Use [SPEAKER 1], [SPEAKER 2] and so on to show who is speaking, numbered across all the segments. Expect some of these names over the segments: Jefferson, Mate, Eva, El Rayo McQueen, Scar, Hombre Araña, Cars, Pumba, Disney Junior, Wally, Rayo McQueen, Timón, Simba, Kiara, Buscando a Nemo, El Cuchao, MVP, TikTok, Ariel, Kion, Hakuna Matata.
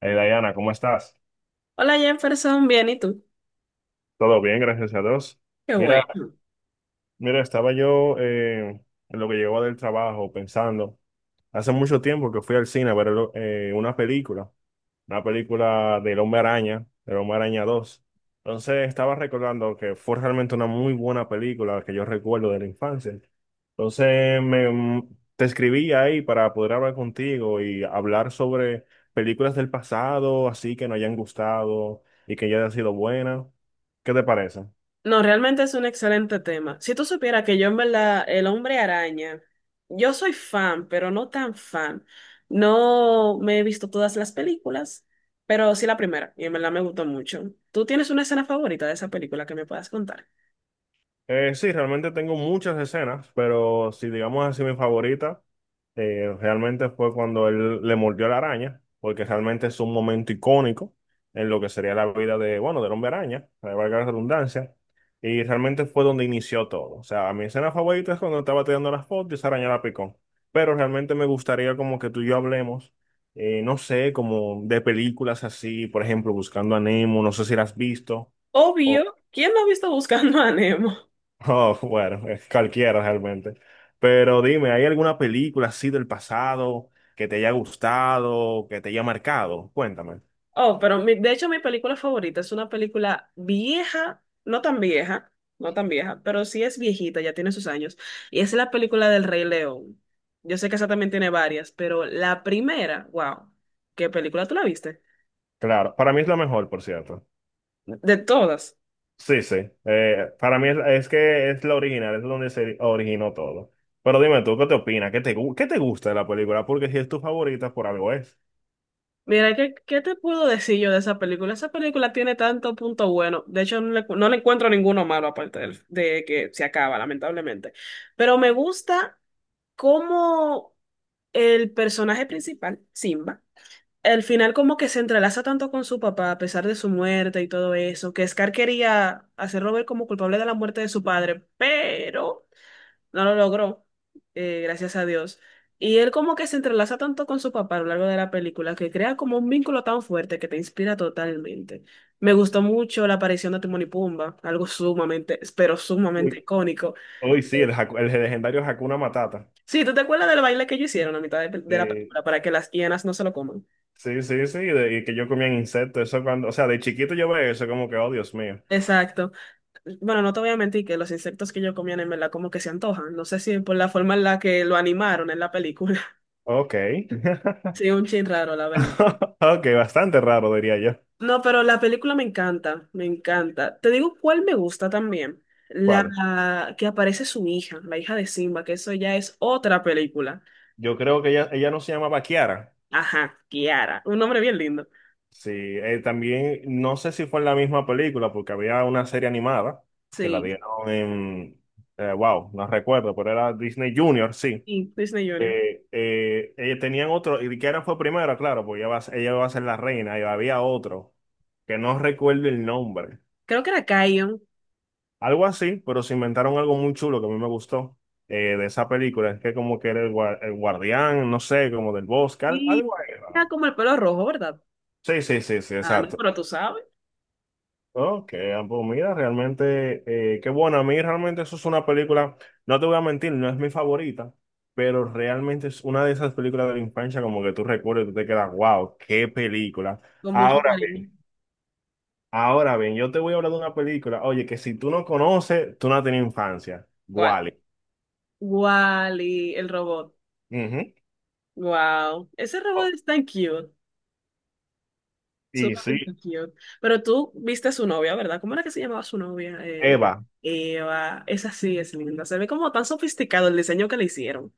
[SPEAKER 1] Hey Diana, ¿cómo estás?
[SPEAKER 2] Hola Jefferson, bien, ¿y tú?
[SPEAKER 1] Todo bien, gracias a Dios.
[SPEAKER 2] Qué
[SPEAKER 1] Mira,
[SPEAKER 2] bueno.
[SPEAKER 1] mira, estaba yo en lo que llegó del trabajo pensando, hace mucho tiempo que fui al cine a ver eh, una película una película del Hombre Araña dos. Entonces estaba recordando que fue realmente una muy buena película que yo recuerdo de la infancia. Entonces te escribí ahí para poder hablar contigo y hablar sobre películas del pasado, así que nos hayan gustado y que ya hayan sido buenas. ¿Qué te parece?
[SPEAKER 2] No, realmente es un excelente tema. Si tú supieras que yo en verdad, el hombre araña, yo soy fan, pero no tan fan. No me he visto todas las películas, pero sí la primera, y en verdad me gustó mucho. ¿Tú tienes una escena favorita de esa película que me puedas contar?
[SPEAKER 1] Sí, realmente tengo muchas escenas, pero si digamos así mi favorita, realmente fue cuando él le mordió la araña, porque realmente es un momento icónico en lo que sería la vida de, bueno, del hombre araña, para valga la redundancia, y realmente fue donde inició todo. O sea, mi escena favorita es cuando estaba tirando las fotos y esa araña la picó. Pero realmente me gustaría como que tú y yo hablemos, no sé, como de películas así, por ejemplo, Buscando a Nemo, no sé si la has visto.
[SPEAKER 2] Obvio, ¿quién no ha visto Buscando a Nemo?
[SPEAKER 1] Oh, bueno, es cualquiera realmente. Pero dime, ¿hay alguna película así del pasado que te haya gustado, que te haya marcado? Cuéntame.
[SPEAKER 2] Oh, pero de hecho mi película favorita es una película vieja, no tan vieja, pero sí es viejita, ya tiene sus años, y es la película del Rey León. Yo sé que esa también tiene varias, pero la primera, wow, ¿qué película tú la viste?
[SPEAKER 1] Claro, para mí es la mejor, por cierto.
[SPEAKER 2] De todas.
[SPEAKER 1] Sí, sí. Eh, es que es la original, es donde se originó todo. Pero dime tú, ¿qué te opinas? ¿Qué te, qué te gusta de la película? Porque si es tu favorita, por algo es.
[SPEAKER 2] Mira, ¿ qué te puedo decir yo de esa película? Esa película tiene tanto punto bueno, de hecho no le encuentro ninguno malo aparte de que se acaba, lamentablemente, pero me gusta cómo el personaje principal, Simba. El final como que se entrelaza tanto con su papá, a pesar de su muerte y todo eso, que Scar quería hacerlo ver como culpable de la muerte de su padre, pero no lo logró, gracias a Dios. Y él como que se entrelaza tanto con su papá a lo largo de la película, que crea como un vínculo tan fuerte que te inspira totalmente. Me gustó mucho la aparición de Timón y Pumba, algo sumamente, pero sumamente
[SPEAKER 1] Uy,
[SPEAKER 2] icónico.
[SPEAKER 1] uy, sí,
[SPEAKER 2] Eh,
[SPEAKER 1] el, el legendario Hakuna Matata.
[SPEAKER 2] Sí, ¿tú te acuerdas del baile que ellos hicieron a mitad de la
[SPEAKER 1] Eh,
[SPEAKER 2] película para que las hienas no se lo coman?
[SPEAKER 1] sí, sí, sí, y que yo comía insectos, eso cuando, o sea, de chiquito yo veía eso como que, oh, Dios mío.
[SPEAKER 2] Exacto. Bueno, no te voy a mentir que los insectos que yo comía en verdad como que se antojan. No sé si por la forma en la que lo animaron en la película.
[SPEAKER 1] Ok.
[SPEAKER 2] Sí, un chin raro, la verdad.
[SPEAKER 1] Ok, bastante raro, diría yo.
[SPEAKER 2] No, pero la película me encanta, me encanta. Te digo cuál me gusta también.
[SPEAKER 1] ¿Cuál?
[SPEAKER 2] La que aparece su hija, la hija de Simba, que eso ya es otra película.
[SPEAKER 1] Yo creo que ella no se llamaba Kiara.
[SPEAKER 2] Ajá, Kiara. Un nombre bien lindo.
[SPEAKER 1] Sí, también no sé si fue en la misma película, porque había una serie animada que la
[SPEAKER 2] Sí,
[SPEAKER 1] dieron en. Wow, no recuerdo, pero era Disney Junior, sí.
[SPEAKER 2] sí, Disney Junior.
[SPEAKER 1] Tenían otro, y Kiara fue primero, claro, porque ella va, ella va a ser la reina, y había otro, que no recuerdo el nombre.
[SPEAKER 2] Creo que era Kion.
[SPEAKER 1] Algo así, pero se inventaron algo muy chulo que a mí me gustó de esa película. Es que como que era el, el guardián, no sé, como del bosque,
[SPEAKER 2] Y
[SPEAKER 1] algo ahí
[SPEAKER 2] era
[SPEAKER 1] raro.
[SPEAKER 2] como el pelo rojo, ¿verdad?
[SPEAKER 1] Sí, sí, sí, sí,
[SPEAKER 2] Ah, no,
[SPEAKER 1] exacto.
[SPEAKER 2] pero tú sabes,
[SPEAKER 1] Ok, ah, pues mira, realmente, qué bueno. A mí realmente eso es una película, no te voy a mentir, no es mi favorita, pero realmente es una de esas películas de la infancia como que tú recuerdas y tú te quedas, wow, qué película.
[SPEAKER 2] con mucho
[SPEAKER 1] Ahora
[SPEAKER 2] cariño.
[SPEAKER 1] bien, ahora bien, yo te voy a hablar de una película, oye, que si tú no conoces, tú no has tenido infancia.
[SPEAKER 2] ¿Cuál?
[SPEAKER 1] Wally.
[SPEAKER 2] Wally, el robot. Wow, ese robot es tan cute,
[SPEAKER 1] Y
[SPEAKER 2] sumamente
[SPEAKER 1] sí,
[SPEAKER 2] cute. Pero tú viste a su novia, ¿verdad? ¿Cómo era que se llamaba su novia?
[SPEAKER 1] Eva,
[SPEAKER 2] Eva, esa sí es linda. Se ve como tan sofisticado el diseño que le hicieron.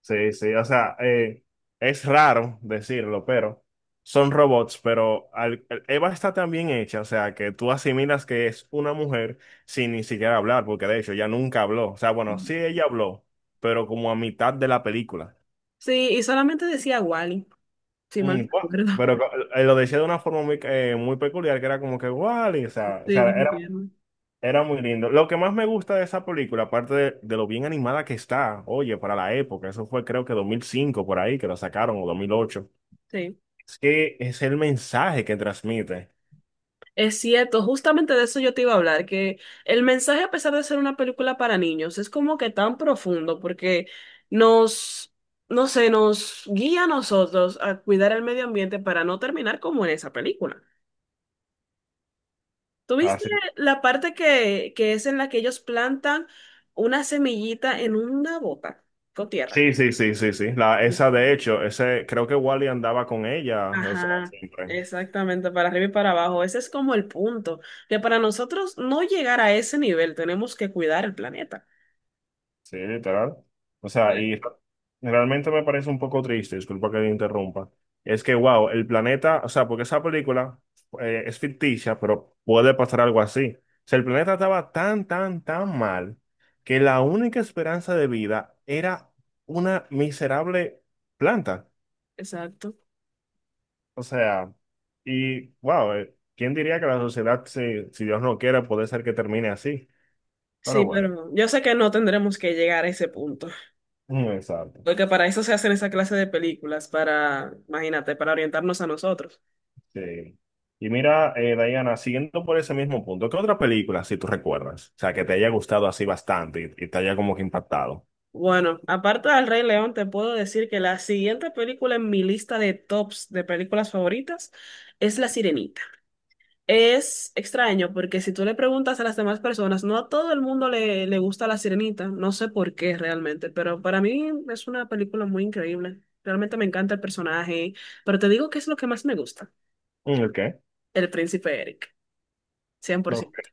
[SPEAKER 1] sí, sí, o sea, es raro decirlo, pero son robots, pero Eva está tan bien hecha, o sea, que tú asimilas que es una mujer sin ni siquiera hablar, porque de hecho ella nunca habló, o sea, bueno, sí ella habló, pero como a mitad de la película.
[SPEAKER 2] Sí, y solamente decía Wally, si mal
[SPEAKER 1] Mm,
[SPEAKER 2] no
[SPEAKER 1] gua-
[SPEAKER 2] recuerdo.
[SPEAKER 1] pero co- lo decía de una forma muy, muy peculiar, que era como que, guau, y, o
[SPEAKER 2] Sí,
[SPEAKER 1] sea,
[SPEAKER 2] muy
[SPEAKER 1] era.
[SPEAKER 2] bien.
[SPEAKER 1] Era muy lindo. Lo que más me gusta de esa película, aparte de lo bien animada que está, oye, para la época, eso fue creo que 2005 por ahí que la sacaron o 2008.
[SPEAKER 2] Sí.
[SPEAKER 1] Es que es el mensaje que transmite.
[SPEAKER 2] Es cierto, justamente de eso yo te iba a hablar, que el mensaje, a pesar de ser una película para niños, es como que tan profundo porque nos, no sé, nos guía a nosotros a cuidar el medio ambiente para no terminar como en esa película.
[SPEAKER 1] Ah,
[SPEAKER 2] ¿Tuviste
[SPEAKER 1] sí.
[SPEAKER 2] la parte que es en la que ellos plantan una semillita en una bota con tierra?
[SPEAKER 1] Sí, sí, sí, sí, sí. La, esa de hecho, ese creo que Wally andaba con ella, o sea,
[SPEAKER 2] Ajá,
[SPEAKER 1] siempre.
[SPEAKER 2] exactamente, para arriba y para abajo. Ese es como el punto, que para nosotros no llegar a ese nivel tenemos que cuidar el planeta.
[SPEAKER 1] Sí, literal. O sea, y realmente me parece un poco triste, disculpa que te interrumpa. Es que, wow, el planeta, o sea, porque esa película es ficticia, pero puede pasar algo así. O sea, el planeta estaba tan, tan, tan mal que la única esperanza de vida era una miserable planta.
[SPEAKER 2] Exacto.
[SPEAKER 1] O sea, y wow, ¿quién diría que la sociedad, si, si Dios no quiera puede ser que termine así? Pero
[SPEAKER 2] Sí,
[SPEAKER 1] bueno,
[SPEAKER 2] pero yo sé que no tendremos que llegar a ese punto,
[SPEAKER 1] exacto.
[SPEAKER 2] porque para eso se hacen esa clase de películas, para, imagínate, para orientarnos a nosotros.
[SPEAKER 1] Sí. Y mira, Diana, siguiendo por ese mismo punto, ¿qué otra película, si tú recuerdas? O sea, que te haya gustado así bastante y te haya como que impactado.
[SPEAKER 2] Bueno, aparte del Rey León, te puedo decir que la siguiente película en mi lista de tops de películas favoritas es La Sirenita. Es extraño porque si tú le preguntas a las demás personas, no a todo el mundo le gusta La Sirenita, no sé por qué realmente, pero para mí es una película muy increíble. Realmente me encanta el personaje, pero te digo que es lo que más me gusta.
[SPEAKER 1] Mm, ¿el qué?
[SPEAKER 2] El príncipe Eric, cien por
[SPEAKER 1] No, ok.
[SPEAKER 2] ciento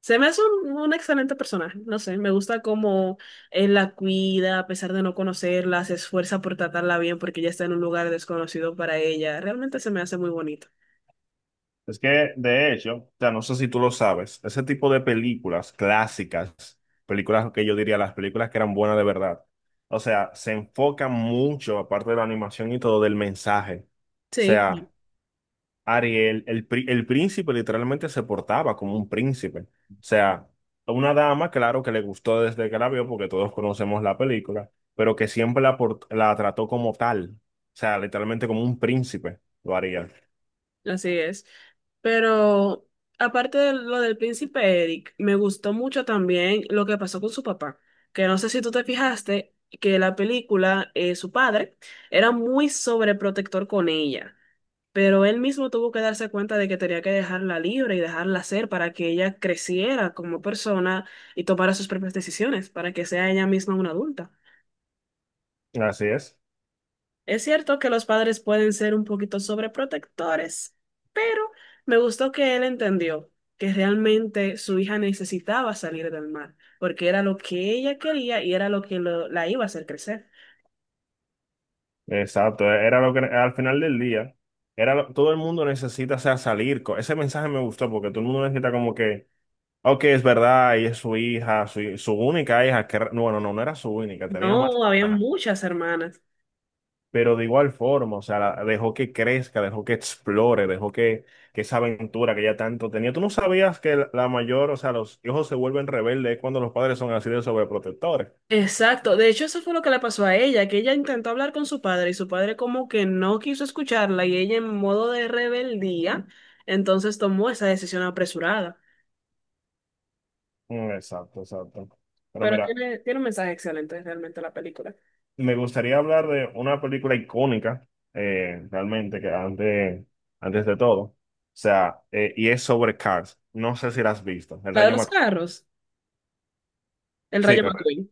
[SPEAKER 2] Se me hace un excelente personaje, no sé, me gusta cómo él la cuida, a pesar de no conocerla, se esfuerza por tratarla bien porque ella está en un lugar desconocido para ella. Realmente se me hace muy bonito.
[SPEAKER 1] Es que, de hecho, o sea, no sé si tú lo sabes, ese tipo de películas clásicas, películas que yo diría las películas que eran buenas de verdad, o sea, se enfocan mucho, aparte de la animación y todo, del mensaje. O
[SPEAKER 2] Sí,
[SPEAKER 1] sea, Ariel, el, el príncipe literalmente se portaba como un príncipe. O sea, una dama, claro que le gustó desde que la vio, porque todos conocemos la película, pero que siempre la, la trató como tal. O sea, literalmente como un príncipe lo haría.
[SPEAKER 2] así es. Pero aparte de lo del príncipe Eric, me gustó mucho también lo que pasó con su papá, que no sé si tú te fijaste que la película, su padre, era muy sobreprotector con ella. Pero él mismo tuvo que darse cuenta de que tenía que dejarla libre y dejarla ser para que ella creciera como persona y tomara sus propias decisiones, para que sea ella misma una adulta.
[SPEAKER 1] Así es.
[SPEAKER 2] Es cierto que los padres pueden ser un poquito sobreprotectores, pero me gustó que él entendió que realmente su hija necesitaba salir del mar, porque era lo que ella quería y era lo que la iba a hacer crecer.
[SPEAKER 1] Exacto. Era lo que al final del día, todo el mundo necesita, o sea, salir. Ese mensaje me gustó porque todo el mundo necesita como que, ok, es verdad, y es su hija, su única hija, que, bueno, no, no era su única, tenía más.
[SPEAKER 2] No, había muchas hermanas.
[SPEAKER 1] Pero de igual forma, o sea, dejó que crezca, dejó que explore, dejó que esa aventura que ella tanto tenía. Tú no sabías que la mayor, o sea, los hijos se vuelven rebeldes cuando los padres son así de sobreprotectores.
[SPEAKER 2] Exacto, de hecho eso fue lo que le pasó a ella, que ella intentó hablar con su padre y su padre como que no quiso escucharla y ella en modo de rebeldía, entonces tomó esa decisión apresurada.
[SPEAKER 1] Mm, exacto, exacto. Pero
[SPEAKER 2] Pero
[SPEAKER 1] mira,
[SPEAKER 2] tiene un mensaje excelente realmente la película.
[SPEAKER 1] me gustaría hablar de una película icónica, realmente, que antes, antes de todo, o sea, y es sobre Cars. No sé si la has visto, El
[SPEAKER 2] La de
[SPEAKER 1] Rayo
[SPEAKER 2] los
[SPEAKER 1] McQueen.
[SPEAKER 2] carros, el
[SPEAKER 1] Sí,
[SPEAKER 2] Rayo
[SPEAKER 1] correcto.
[SPEAKER 2] McQueen.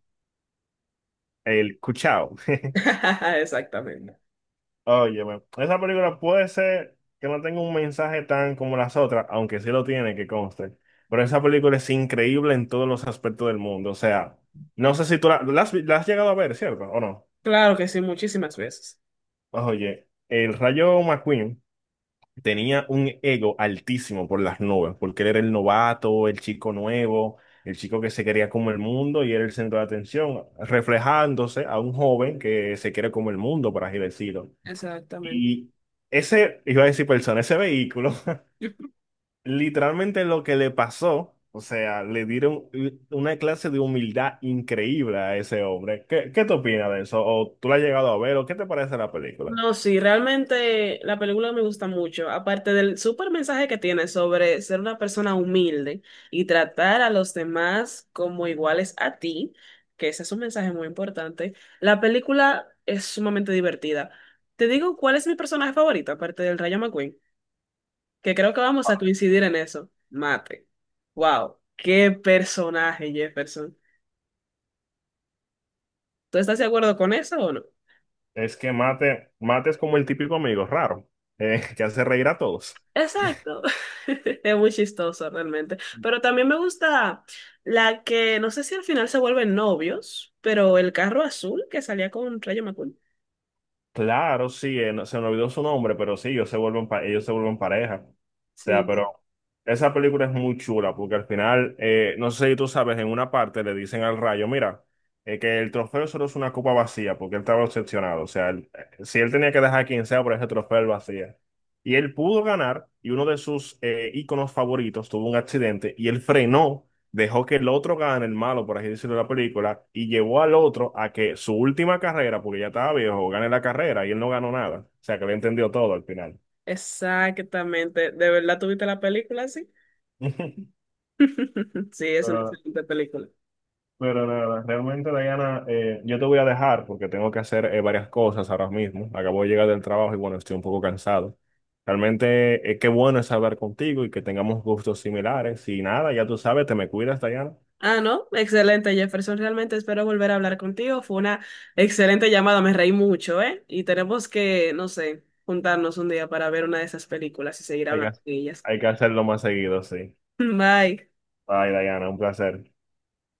[SPEAKER 1] El Cuchao.
[SPEAKER 2] Exactamente.
[SPEAKER 1] Óyeme, esa película puede ser que no tenga un mensaje tan como las otras, aunque sí lo tiene, que conste. Pero esa película es increíble en todos los aspectos del mundo. O sea, no sé si tú la, la has llegado a ver, ¿cierto? ¿O no?
[SPEAKER 2] Claro que sí, muchísimas veces.
[SPEAKER 1] Pues, oye, el Rayo McQueen tenía un ego altísimo por las nubes, porque él era el novato, el chico nuevo, el chico que se quería como el mundo y era el centro de atención, reflejándose a un joven que se quiere como el mundo, por así decirlo.
[SPEAKER 2] Exactamente.
[SPEAKER 1] Y ese, iba a decir persona, ese vehículo, literalmente lo que le pasó, o sea, le dieron una clase de humildad increíble a ese hombre. ¿Qué, qué te opinas de eso? ¿O tú la has llegado a ver? ¿O qué te parece la película?
[SPEAKER 2] No, sí, realmente la película me gusta mucho, aparte del súper mensaje que tiene sobre ser una persona humilde y tratar a los demás como iguales a ti, que ese es un mensaje muy importante, la película es sumamente divertida. Te digo cuál es mi personaje favorito, aparte del Rayo McQueen, que creo que vamos a coincidir en eso. Mate. Wow, qué personaje, Jefferson. ¿Tú estás de acuerdo con eso o no?
[SPEAKER 1] Es que Mate, Mate es como el típico amigo raro, que hace reír a todos.
[SPEAKER 2] Exacto. Es muy chistoso realmente. Pero también me gusta la que, no sé si al final se vuelven novios, pero el carro azul que salía con Rayo McQueen.
[SPEAKER 1] Claro, sí, se me olvidó su nombre, pero sí, ellos se vuelven, ellos se vuelven pareja. O sea,
[SPEAKER 2] Sí,
[SPEAKER 1] pero esa película es muy chula porque al final, no sé si tú sabes, en una parte le dicen al Rayo, mira, que el trofeo solo es una copa vacía porque él estaba obsesionado. O sea, si él tenía que dejar quien sea por ese trofeo él lo hacía. Y él pudo ganar y uno de sus íconos favoritos tuvo un accidente y él frenó, dejó que el otro gane, el malo, por así decirlo, de la película, y llevó al otro a que su última carrera, porque ya estaba viejo, gane la carrera y él no ganó nada. O sea, que lo entendió todo al final.
[SPEAKER 2] exactamente. ¿De verdad tuviste la película así? Sí, es una
[SPEAKER 1] Pero,
[SPEAKER 2] excelente película.
[SPEAKER 1] pero nada, realmente, Diana, yo te voy a dejar porque tengo que hacer varias cosas ahora mismo. Acabo de llegar del trabajo y bueno, estoy un poco cansado. Realmente, qué bueno es hablar contigo y que tengamos gustos similares. Y nada, ya tú sabes, te me cuidas, Diana.
[SPEAKER 2] Ah, no, excelente, Jefferson. Realmente espero volver a hablar contigo. Fue una excelente llamada, me reí mucho, ¿eh? Y tenemos que, no sé, juntarnos un día para ver una de esas películas y seguir
[SPEAKER 1] Hay que,
[SPEAKER 2] hablando de ellas.
[SPEAKER 1] hay que hacerlo más seguido, sí.
[SPEAKER 2] Bye.
[SPEAKER 1] Bye, Diana, un placer.